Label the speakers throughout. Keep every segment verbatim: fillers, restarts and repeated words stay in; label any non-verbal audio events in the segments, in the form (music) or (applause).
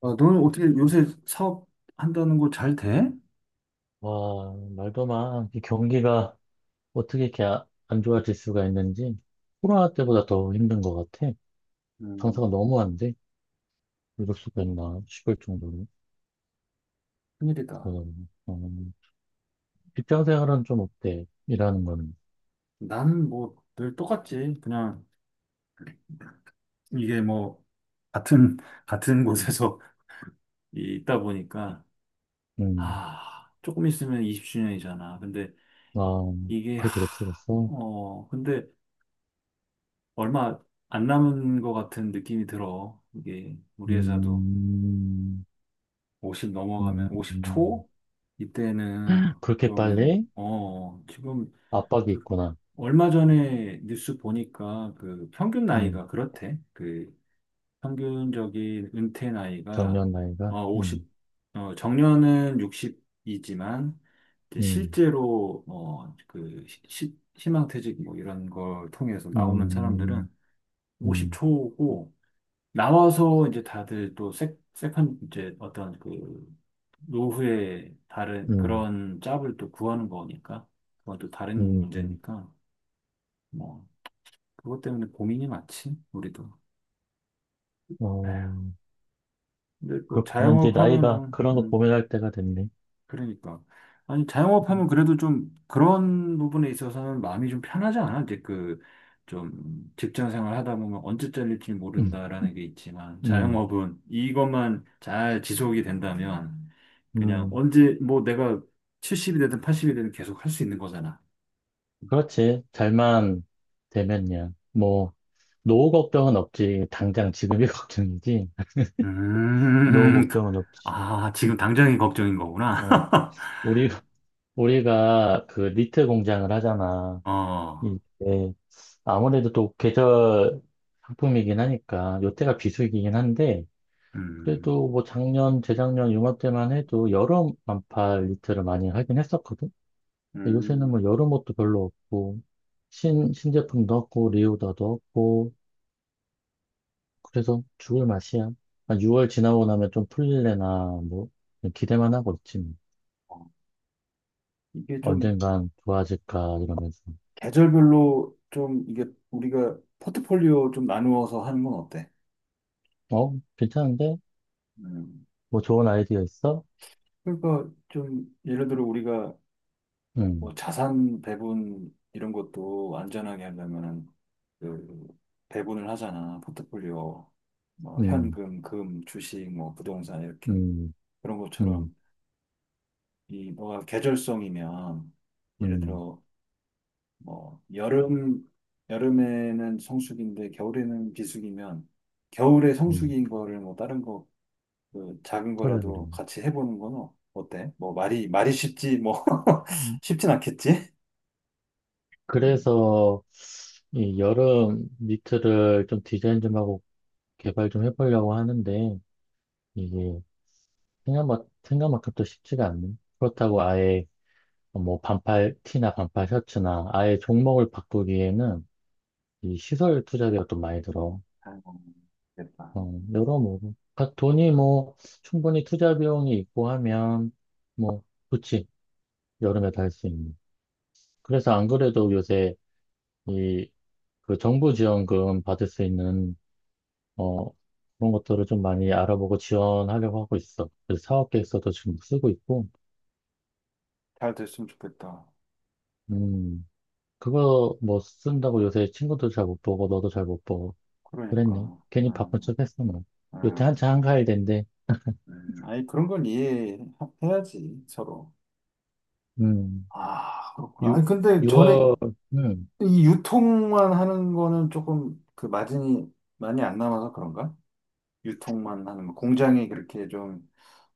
Speaker 1: 아, 너는 어떻게 요새 사업한다는 거 잘 돼?
Speaker 2: 와, 말도 마. 이 경기가 어떻게 이렇게 아- 안 좋아질 수가 있는지 코로나 때보다 더 힘든 것 같아.
Speaker 1: 음.
Speaker 2: 장사가 너무 안 돼. 이럴 수가 있나 싶을 정도로.
Speaker 1: 큰일이다.
Speaker 2: 그러더니 음, 직장 생활은 좀 어때? 일하는 거는.
Speaker 1: 난 뭐 늘 똑같지. 그냥 이게 뭐 같은 같은 곳에서 (laughs) 있다 보니까
Speaker 2: 음.
Speaker 1: 아 조금 있으면 이십 주년이잖아. 근데
Speaker 2: 아,
Speaker 1: 이게 하,
Speaker 2: 그렇게 됐었어?
Speaker 1: 어 근데 얼마 안 남은 것 같은 느낌이 들어. 이게 우리 회사도
Speaker 2: 음.
Speaker 1: 오십
Speaker 2: 음,
Speaker 1: 넘어가면
Speaker 2: 음.
Speaker 1: 오십 초 이때는
Speaker 2: 그렇게
Speaker 1: 좀
Speaker 2: 빨리
Speaker 1: 어 지금
Speaker 2: 압박이
Speaker 1: 그
Speaker 2: 있구나.
Speaker 1: 얼마 전에 뉴스 보니까 그 평균
Speaker 2: 음.
Speaker 1: 나이가 그렇대. 그 평균적인 은퇴 나이가
Speaker 2: 정년 나이가.
Speaker 1: 어
Speaker 2: 음.
Speaker 1: 오십, 어 정년은 육십이지만 이제
Speaker 2: 음.
Speaker 1: 실제로 어그 희망퇴직 뭐 이런 걸 통해서 나오는
Speaker 2: 음.
Speaker 1: 사람들은 오십
Speaker 2: 음.
Speaker 1: 초고 나와서 이제 다들 또 세, 세컨 이제 어떤 그 노후에 다른
Speaker 2: 음.
Speaker 1: 그런 짭을 또 구하는 거니까 그건 또 다른
Speaker 2: 음. 음.
Speaker 1: 문제니까. 뭐 그것 때문에 고민이 많지, 우리도.
Speaker 2: 어,
Speaker 1: 에휴, 근데 또
Speaker 2: 그렇구나. 이제
Speaker 1: 자영업
Speaker 2: 나이가
Speaker 1: 하면은,
Speaker 2: 그런 거
Speaker 1: 음,
Speaker 2: 고민할 때가 됐네.
Speaker 1: 그러니까. 아니, 자영업 하면 그래도 좀 그런 부분에 있어서는 마음이 좀 편하지 않아? 이제 그, 좀 직장 생활 하다 보면 언제 잘릴지
Speaker 2: 음.
Speaker 1: 모른다라는 게 있지만,
Speaker 2: 음.
Speaker 1: 자영업은 이것만 잘 지속이 된다면, 그냥
Speaker 2: 음.
Speaker 1: 언제, 뭐 내가 칠십이 되든 팔십이 되든 계속 할 수 있는 거잖아.
Speaker 2: 그렇지. 잘만 되면야. 뭐, 노후 걱정은 없지. 당장 지금이 (laughs) 걱정이지. 노후
Speaker 1: 음,
Speaker 2: 걱정은
Speaker 1: (laughs)
Speaker 2: 없지.
Speaker 1: 아,
Speaker 2: 음.
Speaker 1: 지금 당장이 걱정인 거구나.
Speaker 2: 어,
Speaker 1: (laughs)
Speaker 2: 우리, 우리가 그 니트 공장을 하잖아.
Speaker 1: 어,
Speaker 2: 이게 아무래도 또 계절 상품이긴 하니까, 요때가 비수기긴 한데,
Speaker 1: 음.
Speaker 2: 그래도 뭐 작년, 재작년, 요맘때만 해도 여름 반팔 니트를 많이 하긴 했었거든. 근데 요새는
Speaker 1: 음.
Speaker 2: 뭐 여름 옷도 별로 없고, 신, 신제품도 없고, 리오다도 없고, 그래서 죽을 맛이야. 한 유월 지나고 나면 좀 풀릴래나, 뭐, 그냥 기대만 하고 있지. 뭐.
Speaker 1: 어. 이게 좀
Speaker 2: 언젠간 좋아질까, 이러면서.
Speaker 1: 계절별로 좀 이게 우리가 포트폴리오 좀 나누어서 하는 건 어때?
Speaker 2: 어? 괜찮은데?
Speaker 1: 음.
Speaker 2: 뭐 좋은 아이디어 있어?
Speaker 1: 그러니까 좀 예를 들어 우리가
Speaker 2: 음.
Speaker 1: 뭐 자산 배분 이런 것도 안전하게 하려면은 그 배분을 하잖아. 포트폴리오 뭐
Speaker 2: 음.
Speaker 1: 현금, 금, 주식, 뭐 부동산 이렇게
Speaker 2: 음.
Speaker 1: 그런
Speaker 2: 음.
Speaker 1: 것처럼 이 뭐가 계절성이면 예를
Speaker 2: 음.
Speaker 1: 들어 뭐 여름 여름에는 성수기인데 겨울에는 비수기면 겨울에
Speaker 2: 음.
Speaker 1: 성수기인 거를 뭐 다른 거 그 작은
Speaker 2: 그래, 그래.
Speaker 1: 거라도 같이 해보는 건 어- 어때? 뭐 말이 말이 쉽지 뭐
Speaker 2: 음.
Speaker 1: (laughs) 쉽진 않겠지? 음,
Speaker 2: 그래서, 이 여름 니트를 좀 디자인 좀 하고 개발 좀 해보려고 하는데, 이게 생각만, 생각만큼 또 쉽지가 않네. 그렇다고 아예 뭐 반팔 티나 반팔 셔츠나 아예 종목을 바꾸기에는 이 시설 투자비가 또 많이 들어.
Speaker 1: 아이고, 됐다.
Speaker 2: 어, 여러모로. 각 돈이 뭐 충분히 투자 비용이 있고 하면 뭐 좋지. 여름에 다 할 수 있는. 그래서 안 그래도 요새 이 그 정부 지원금 받을 수 있는 어 그런 것들을 좀 많이 알아보고 지원하려고 하고 있어. 그래서 사업 계획서도 지금 쓰고 있고.
Speaker 1: 잘 됐으면 좋겠다.
Speaker 2: 음. 그거 뭐 쓴다고 요새 친구도 잘 못 보고 너도 잘 못 보고 그랬네.
Speaker 1: 그러니까.
Speaker 2: 괜히 바쁜
Speaker 1: 음,
Speaker 2: 척 했어 뭐. 요새 한창
Speaker 1: 음,
Speaker 2: 한가할 텐데.
Speaker 1: 음. 아니 그런 건 이해해야지 서로.
Speaker 2: 음.
Speaker 1: 아, 그렇구나. 아니,
Speaker 2: 유,
Speaker 1: 근데 전에
Speaker 2: 월 음.
Speaker 1: 이 유통만 하는 거는 조금 그 마진이 많이 안 남아서 그런가? 유통만 하는 거. 공장이 그렇게 좀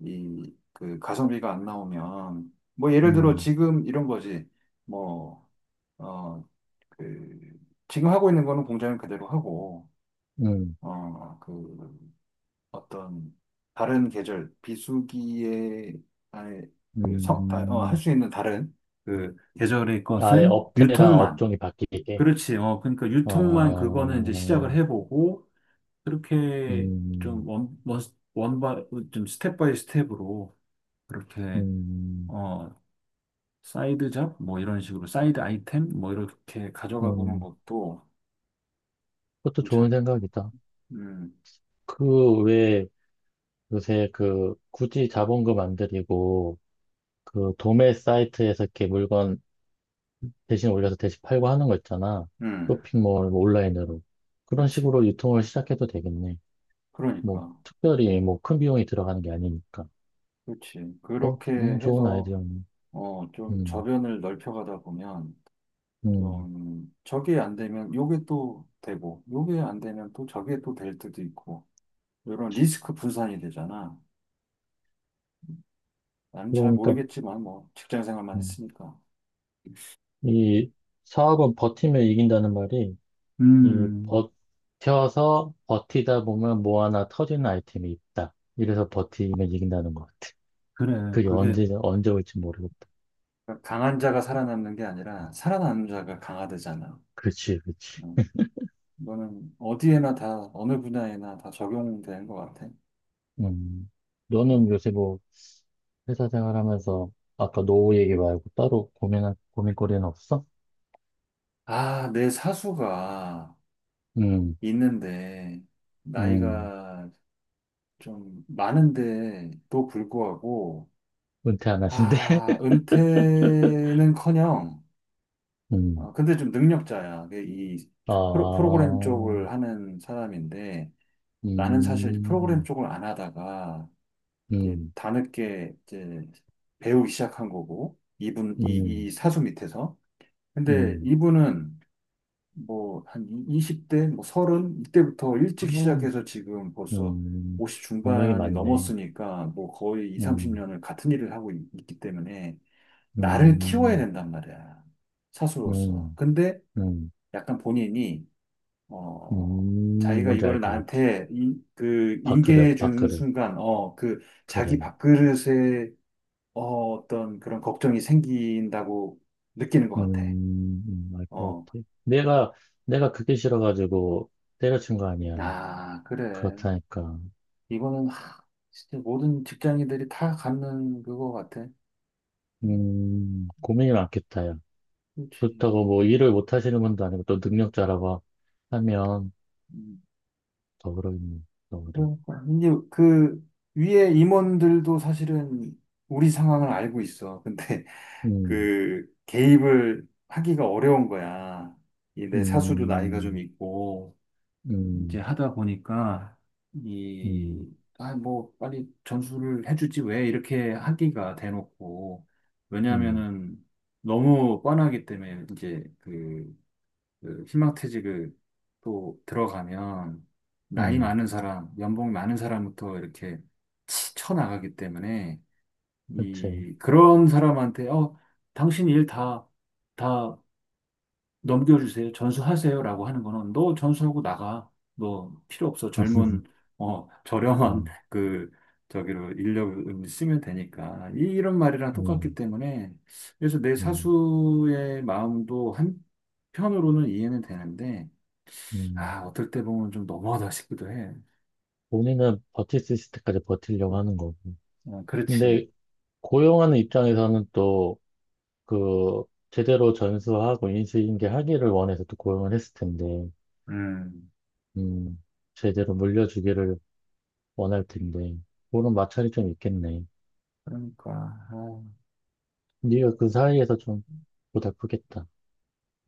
Speaker 1: 이 그 가성비가 안 나오면 뭐 예를 들어
Speaker 2: 음.
Speaker 1: 지금 이런 거지. 뭐 어 그 지금 하고 있는 거는 공장을 그대로 하고
Speaker 2: 음.
Speaker 1: 어 그 어떤 다른 계절 비수기에 아니 그성어할
Speaker 2: 음.
Speaker 1: 수 있는 다른 그 계절의
Speaker 2: 아예
Speaker 1: 것은
Speaker 2: 업태랑
Speaker 1: 유통만,
Speaker 2: 업종이 바뀌게.
Speaker 1: 그렇지. 어 그러니까 유통만 그거는 이제
Speaker 2: 어.
Speaker 1: 시작을 해보고 그렇게
Speaker 2: 음.
Speaker 1: 좀 원, 원, 원바, 좀 스텝 바이 스텝으로 그렇게,
Speaker 2: 음.
Speaker 1: 어, 사이드 잡? 뭐 이런 식으로 사이드 아이템? 뭐 이렇게 가져가 보는
Speaker 2: 음.
Speaker 1: 것도
Speaker 2: 그것도 좋은
Speaker 1: 괜찮을 것 같아.
Speaker 2: 생각이다.
Speaker 1: 음,
Speaker 2: 그 왜 요새 그 굳이 자본금 안 들이고 그 도매 사이트에서 이렇게 물건 대신 올려서 대신 팔고 하는 거 있잖아.
Speaker 1: 음,
Speaker 2: 쇼핑몰, 뭐 온라인으로. 그런
Speaker 1: 그렇지.
Speaker 2: 식으로 유통을 시작해도 되겠네. 뭐,
Speaker 1: 그러니까.
Speaker 2: 특별히 뭐 큰 비용이 들어가는 게 아니니까.
Speaker 1: 그렇지.
Speaker 2: 어,
Speaker 1: 그렇게
Speaker 2: 음, 좋은
Speaker 1: 해서,
Speaker 2: 아이디어네.
Speaker 1: 어, 좀
Speaker 2: 음,
Speaker 1: 저변을 넓혀가다 보면,
Speaker 2: 음.
Speaker 1: 좀, 저게 안 되면 요게 또 되고, 요게 안 되면 또 저게 또 될 때도 있고, 이런 리스크 분산이 되잖아. 나는 잘
Speaker 2: 그러니까,
Speaker 1: 모르겠지만 뭐 직장 생활만
Speaker 2: 음,
Speaker 1: 했으니까.
Speaker 2: 이 사업은 버티면 이긴다는 말이, 이
Speaker 1: 음,
Speaker 2: 버텨서 버티다 보면 뭐 하나 터지는 아이템이 있다. 이래서 버티면 이긴다는 것 같아.
Speaker 1: 그래.
Speaker 2: 그게
Speaker 1: 그게,
Speaker 2: 언제, 언제 올지 모르겠다.
Speaker 1: 그러니까 강한 자가 살아남는 게 아니라 살아남는 자가 강화되잖아.
Speaker 2: 그렇지, 그렇지.
Speaker 1: 음, 이거는 어디에나 다 어느 분야에나 다 적용되는 것 같아.
Speaker 2: 음. 너는 요새 뭐, 회사 생활하면서 아까 노후 얘기 말고 따로 고민할 고민거리는 없어?
Speaker 1: 아, 내 사수가
Speaker 2: 음.
Speaker 1: 있는데
Speaker 2: 음.
Speaker 1: 나이가 좀 많은데도 불구하고,
Speaker 2: 은퇴 안 하신대?
Speaker 1: 아,
Speaker 2: (laughs)
Speaker 1: 은퇴는커녕.
Speaker 2: 음.
Speaker 1: 아, 근데 좀 능력자야. 그이
Speaker 2: 아.
Speaker 1: 프로, 프로그램 쪽을 하는 사람인데 나는 사실
Speaker 2: 음.
Speaker 1: 프로그램
Speaker 2: 음.
Speaker 1: 쪽을 안 하다가 이제
Speaker 2: 음.
Speaker 1: 다늦게 이제 배우기 시작한 거고, 이분 이,
Speaker 2: 음.
Speaker 1: 이 사수 밑에서. 근데 이분은 뭐 한 이십 대 뭐 삼십, 이때부터 일찍
Speaker 2: 음.
Speaker 1: 시작해서 지금 벌써
Speaker 2: 음.
Speaker 1: 오십
Speaker 2: 동력이
Speaker 1: 중반이
Speaker 2: 많네.
Speaker 1: 넘었으니까 뭐 거의 이,
Speaker 2: 음.
Speaker 1: 삼십 년을 같은 일을 하고 있- 있기 때문에 나를 키워야
Speaker 2: 음.
Speaker 1: 된단 말이야. 사수로서.
Speaker 2: 음.
Speaker 1: 근데
Speaker 2: 음.
Speaker 1: 약간 본인이 어,
Speaker 2: 음.
Speaker 1: 자기가
Speaker 2: 뭔지 알
Speaker 1: 이거를
Speaker 2: 것 같아.
Speaker 1: 나한테 인, 그 인계해
Speaker 2: 밥그릇,
Speaker 1: 준
Speaker 2: 밥그릇,
Speaker 1: 순간, 어, 그 자기
Speaker 2: 그래.
Speaker 1: 밥그릇에 어, 어떤 그런 걱정이 생긴다고 느끼는 것
Speaker 2: 음.
Speaker 1: 같아.
Speaker 2: 음. 알 것
Speaker 1: 어,
Speaker 2: 같아. 내가, 내가 그게 싫어가지고 때려친 거 아니야.
Speaker 1: 아, 그래.
Speaker 2: 그렇다니까.
Speaker 1: 이거는 하, 진짜 모든 직장인들이 다 갖는 그거 같아. 음,
Speaker 2: 음, 고민이 많겠다, 야.
Speaker 1: 그렇지.
Speaker 2: 그렇다고 뭐 일을 못 하시는 분도 아니고 또 능력자라고 하면
Speaker 1: 음,
Speaker 2: 더 그러겠네, 더 그래.
Speaker 1: 그러니까 이제 그 위에 임원들도 사실은 우리 상황을 알고 있어. 근데
Speaker 2: 음.
Speaker 1: 그 개입을 하기가 어려운 거야. 이 내 사수도 나이가 좀
Speaker 2: 음.
Speaker 1: 있고 이제
Speaker 2: 음.
Speaker 1: 하다 보니까
Speaker 2: 음.
Speaker 1: 이 아 뭐 빨리 전수를 해주지 왜 이렇게 하기가 대놓고.
Speaker 2: 음.
Speaker 1: 왜냐하면은 너무 뻔하기 때문에 이제 그, 그 희망퇴직을 또 들어가면 나이
Speaker 2: 음.
Speaker 1: 많은 사람, 연봉 많은 사람부터 이렇게 치- 쳐나가기 때문에
Speaker 2: 그렇지.
Speaker 1: 이, 그런 사람한테, 어, 당신 일 다, 다 넘겨주세요. 전수하세요. 라고 하는 거는 너 전수하고 나가. 너 필요 없어.
Speaker 2: (laughs)
Speaker 1: 젊은, 어, 저렴한
Speaker 2: 음.
Speaker 1: (laughs) 그, 저기로 인력을 쓰면 되니까. 이, 이런 말이랑 똑같기
Speaker 2: 음.
Speaker 1: 때문에. 그래서 내
Speaker 2: 음.
Speaker 1: 사수의 마음도 한편으로는 이해는 되는데,
Speaker 2: 음.
Speaker 1: 아, 어떨 때 보면 좀 너무하다 싶기도 해.
Speaker 2: 본인은 버틸 수 있을 때까지 버틸려고 하는 거고.
Speaker 1: 어, 그렇지.
Speaker 2: 근데 고용하는 입장에서는 또 그 제대로 전수하고 인수인계 하기를 원해서 또 고용을 했을 텐데,
Speaker 1: 음,
Speaker 2: 음, 제대로 물려주기를 원할 텐데. 그런 마찰이 좀 있겠네.
Speaker 1: 그러니까. 아.
Speaker 2: 네가 그 사이에서 좀 고달프겠다.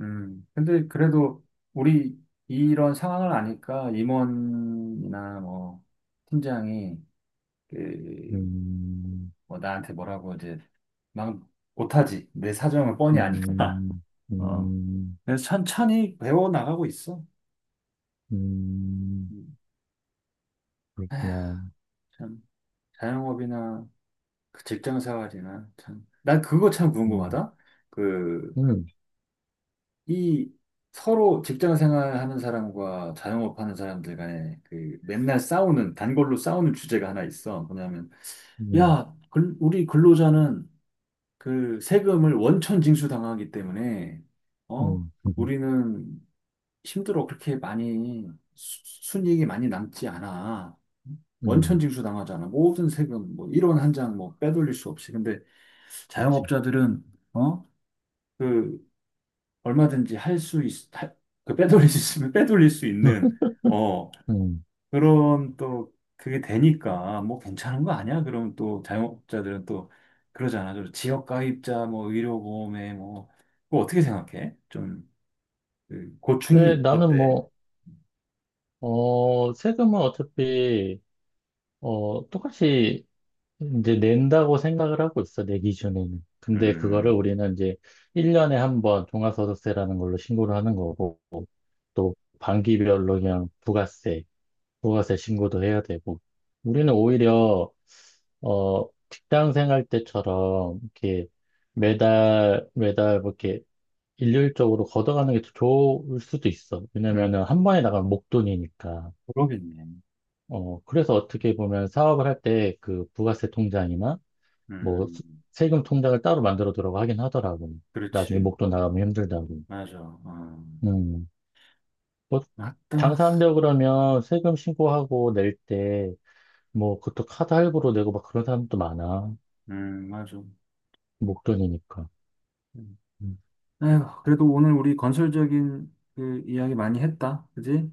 Speaker 1: 음, 근데 그래도 우리 이런 상황을 아니까 임원이나 뭐 팀장이 그,
Speaker 2: 음.
Speaker 1: 뭐 나한테 뭐라고 이제 막 못하지. 내 사정을 뻔히 아니까.
Speaker 2: 음.
Speaker 1: (laughs) 어.
Speaker 2: 음.
Speaker 1: 그래서 천천히 배워 나가고 있어.
Speaker 2: 음.
Speaker 1: 음. (sighs) 에휴,
Speaker 2: 그렇구나.
Speaker 1: 참 자영업이나 그 직장 생활이나 참. 난 그거 참
Speaker 2: 음.
Speaker 1: 궁금하다. 그
Speaker 2: 음.
Speaker 1: 이 서로 직장 생활하는 사람과 자영업 하는 사람들 간에 그 맨날 싸우는, 단골로 싸우는 주제가 하나 있어. 뭐냐면
Speaker 2: 음.
Speaker 1: 야, 글- 우리 근로자는 그 세금을 원천 징수당하기 때문에 어?
Speaker 2: 음. 음.
Speaker 1: 우리는 힘들어. 그렇게 많이 수- 순이익이 많이 남지 않아. 원천
Speaker 2: 음.
Speaker 1: 징수당하잖아. 모든 세금, 뭐 일 원 한 장 뭐 빼돌릴 수 없이. 근데
Speaker 2: 그치.
Speaker 1: 자영업자들은 어? 그 얼마든지 할 수 있, 할- 그 빼돌릴 수 있으면 빼돌릴 수 있는,
Speaker 2: (laughs)
Speaker 1: 어,
Speaker 2: 음.
Speaker 1: 그런 또 그게 되니까 뭐 괜찮은 거 아니야? 그럼 또 자영업자들은 또 그러잖아. 저 지역 가입자, 뭐 의료보험에 뭐, 그거 어떻게 생각해? 좀, 그
Speaker 2: 근데
Speaker 1: 고충이
Speaker 2: 나는
Speaker 1: 어때?
Speaker 2: 뭐, 어, 세금은 어차피, 어, 똑같이 이제 낸다고 생각을 하고 있어, 내 기준에는. 근데 그거를
Speaker 1: 음,
Speaker 2: 우리는 이제 일 년에 한 번 종합소득세라는 걸로 신고를 하는 거고, 또 반기별로 그냥 부가세, 부가세 신고도 해야 되고. 우리는 오히려 어 직장 생활 때처럼 이렇게 매달 매달 뭐 이렇게 일률적으로 걷어가는 게 더 좋을 수도 있어.
Speaker 1: 음,
Speaker 2: 왜냐면은 한 번에 나가면 목돈이니까.
Speaker 1: 그러겠네.
Speaker 2: 어 그래서 어떻게 보면 사업을 할 때 그 부가세 통장이나 뭐 수-
Speaker 1: 음,
Speaker 2: 세금 통장을 따로 만들어 두라고 하긴 하더라고. 나중에
Speaker 1: 그렇지.
Speaker 2: 목돈 나가면 힘들다고.
Speaker 1: 맞아. 음,
Speaker 2: 음. 뭐,
Speaker 1: 맞다.
Speaker 2: 장사한다고 그러면 세금 신고하고 낼 때, 뭐, 그것도 카드 할부로 내고 막 그런 사람도 많아.
Speaker 1: 음, 맞아.
Speaker 2: 목돈이니까.
Speaker 1: 음.
Speaker 2: 음,
Speaker 1: 아휴, 그래도 오늘 우리 건설적인 그 이야기 많이 했다. 그지?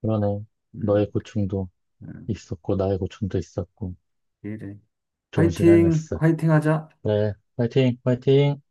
Speaker 2: 그러네.
Speaker 1: 음.
Speaker 2: 너의 고충도
Speaker 1: 응.
Speaker 2: 있었고, 나의 고충도 있었고,
Speaker 1: 이래.
Speaker 2: 좋은
Speaker 1: 화이팅,
Speaker 2: 시간이었어.
Speaker 1: 화이팅 하자.
Speaker 2: 그래, 파이팅, 파이팅!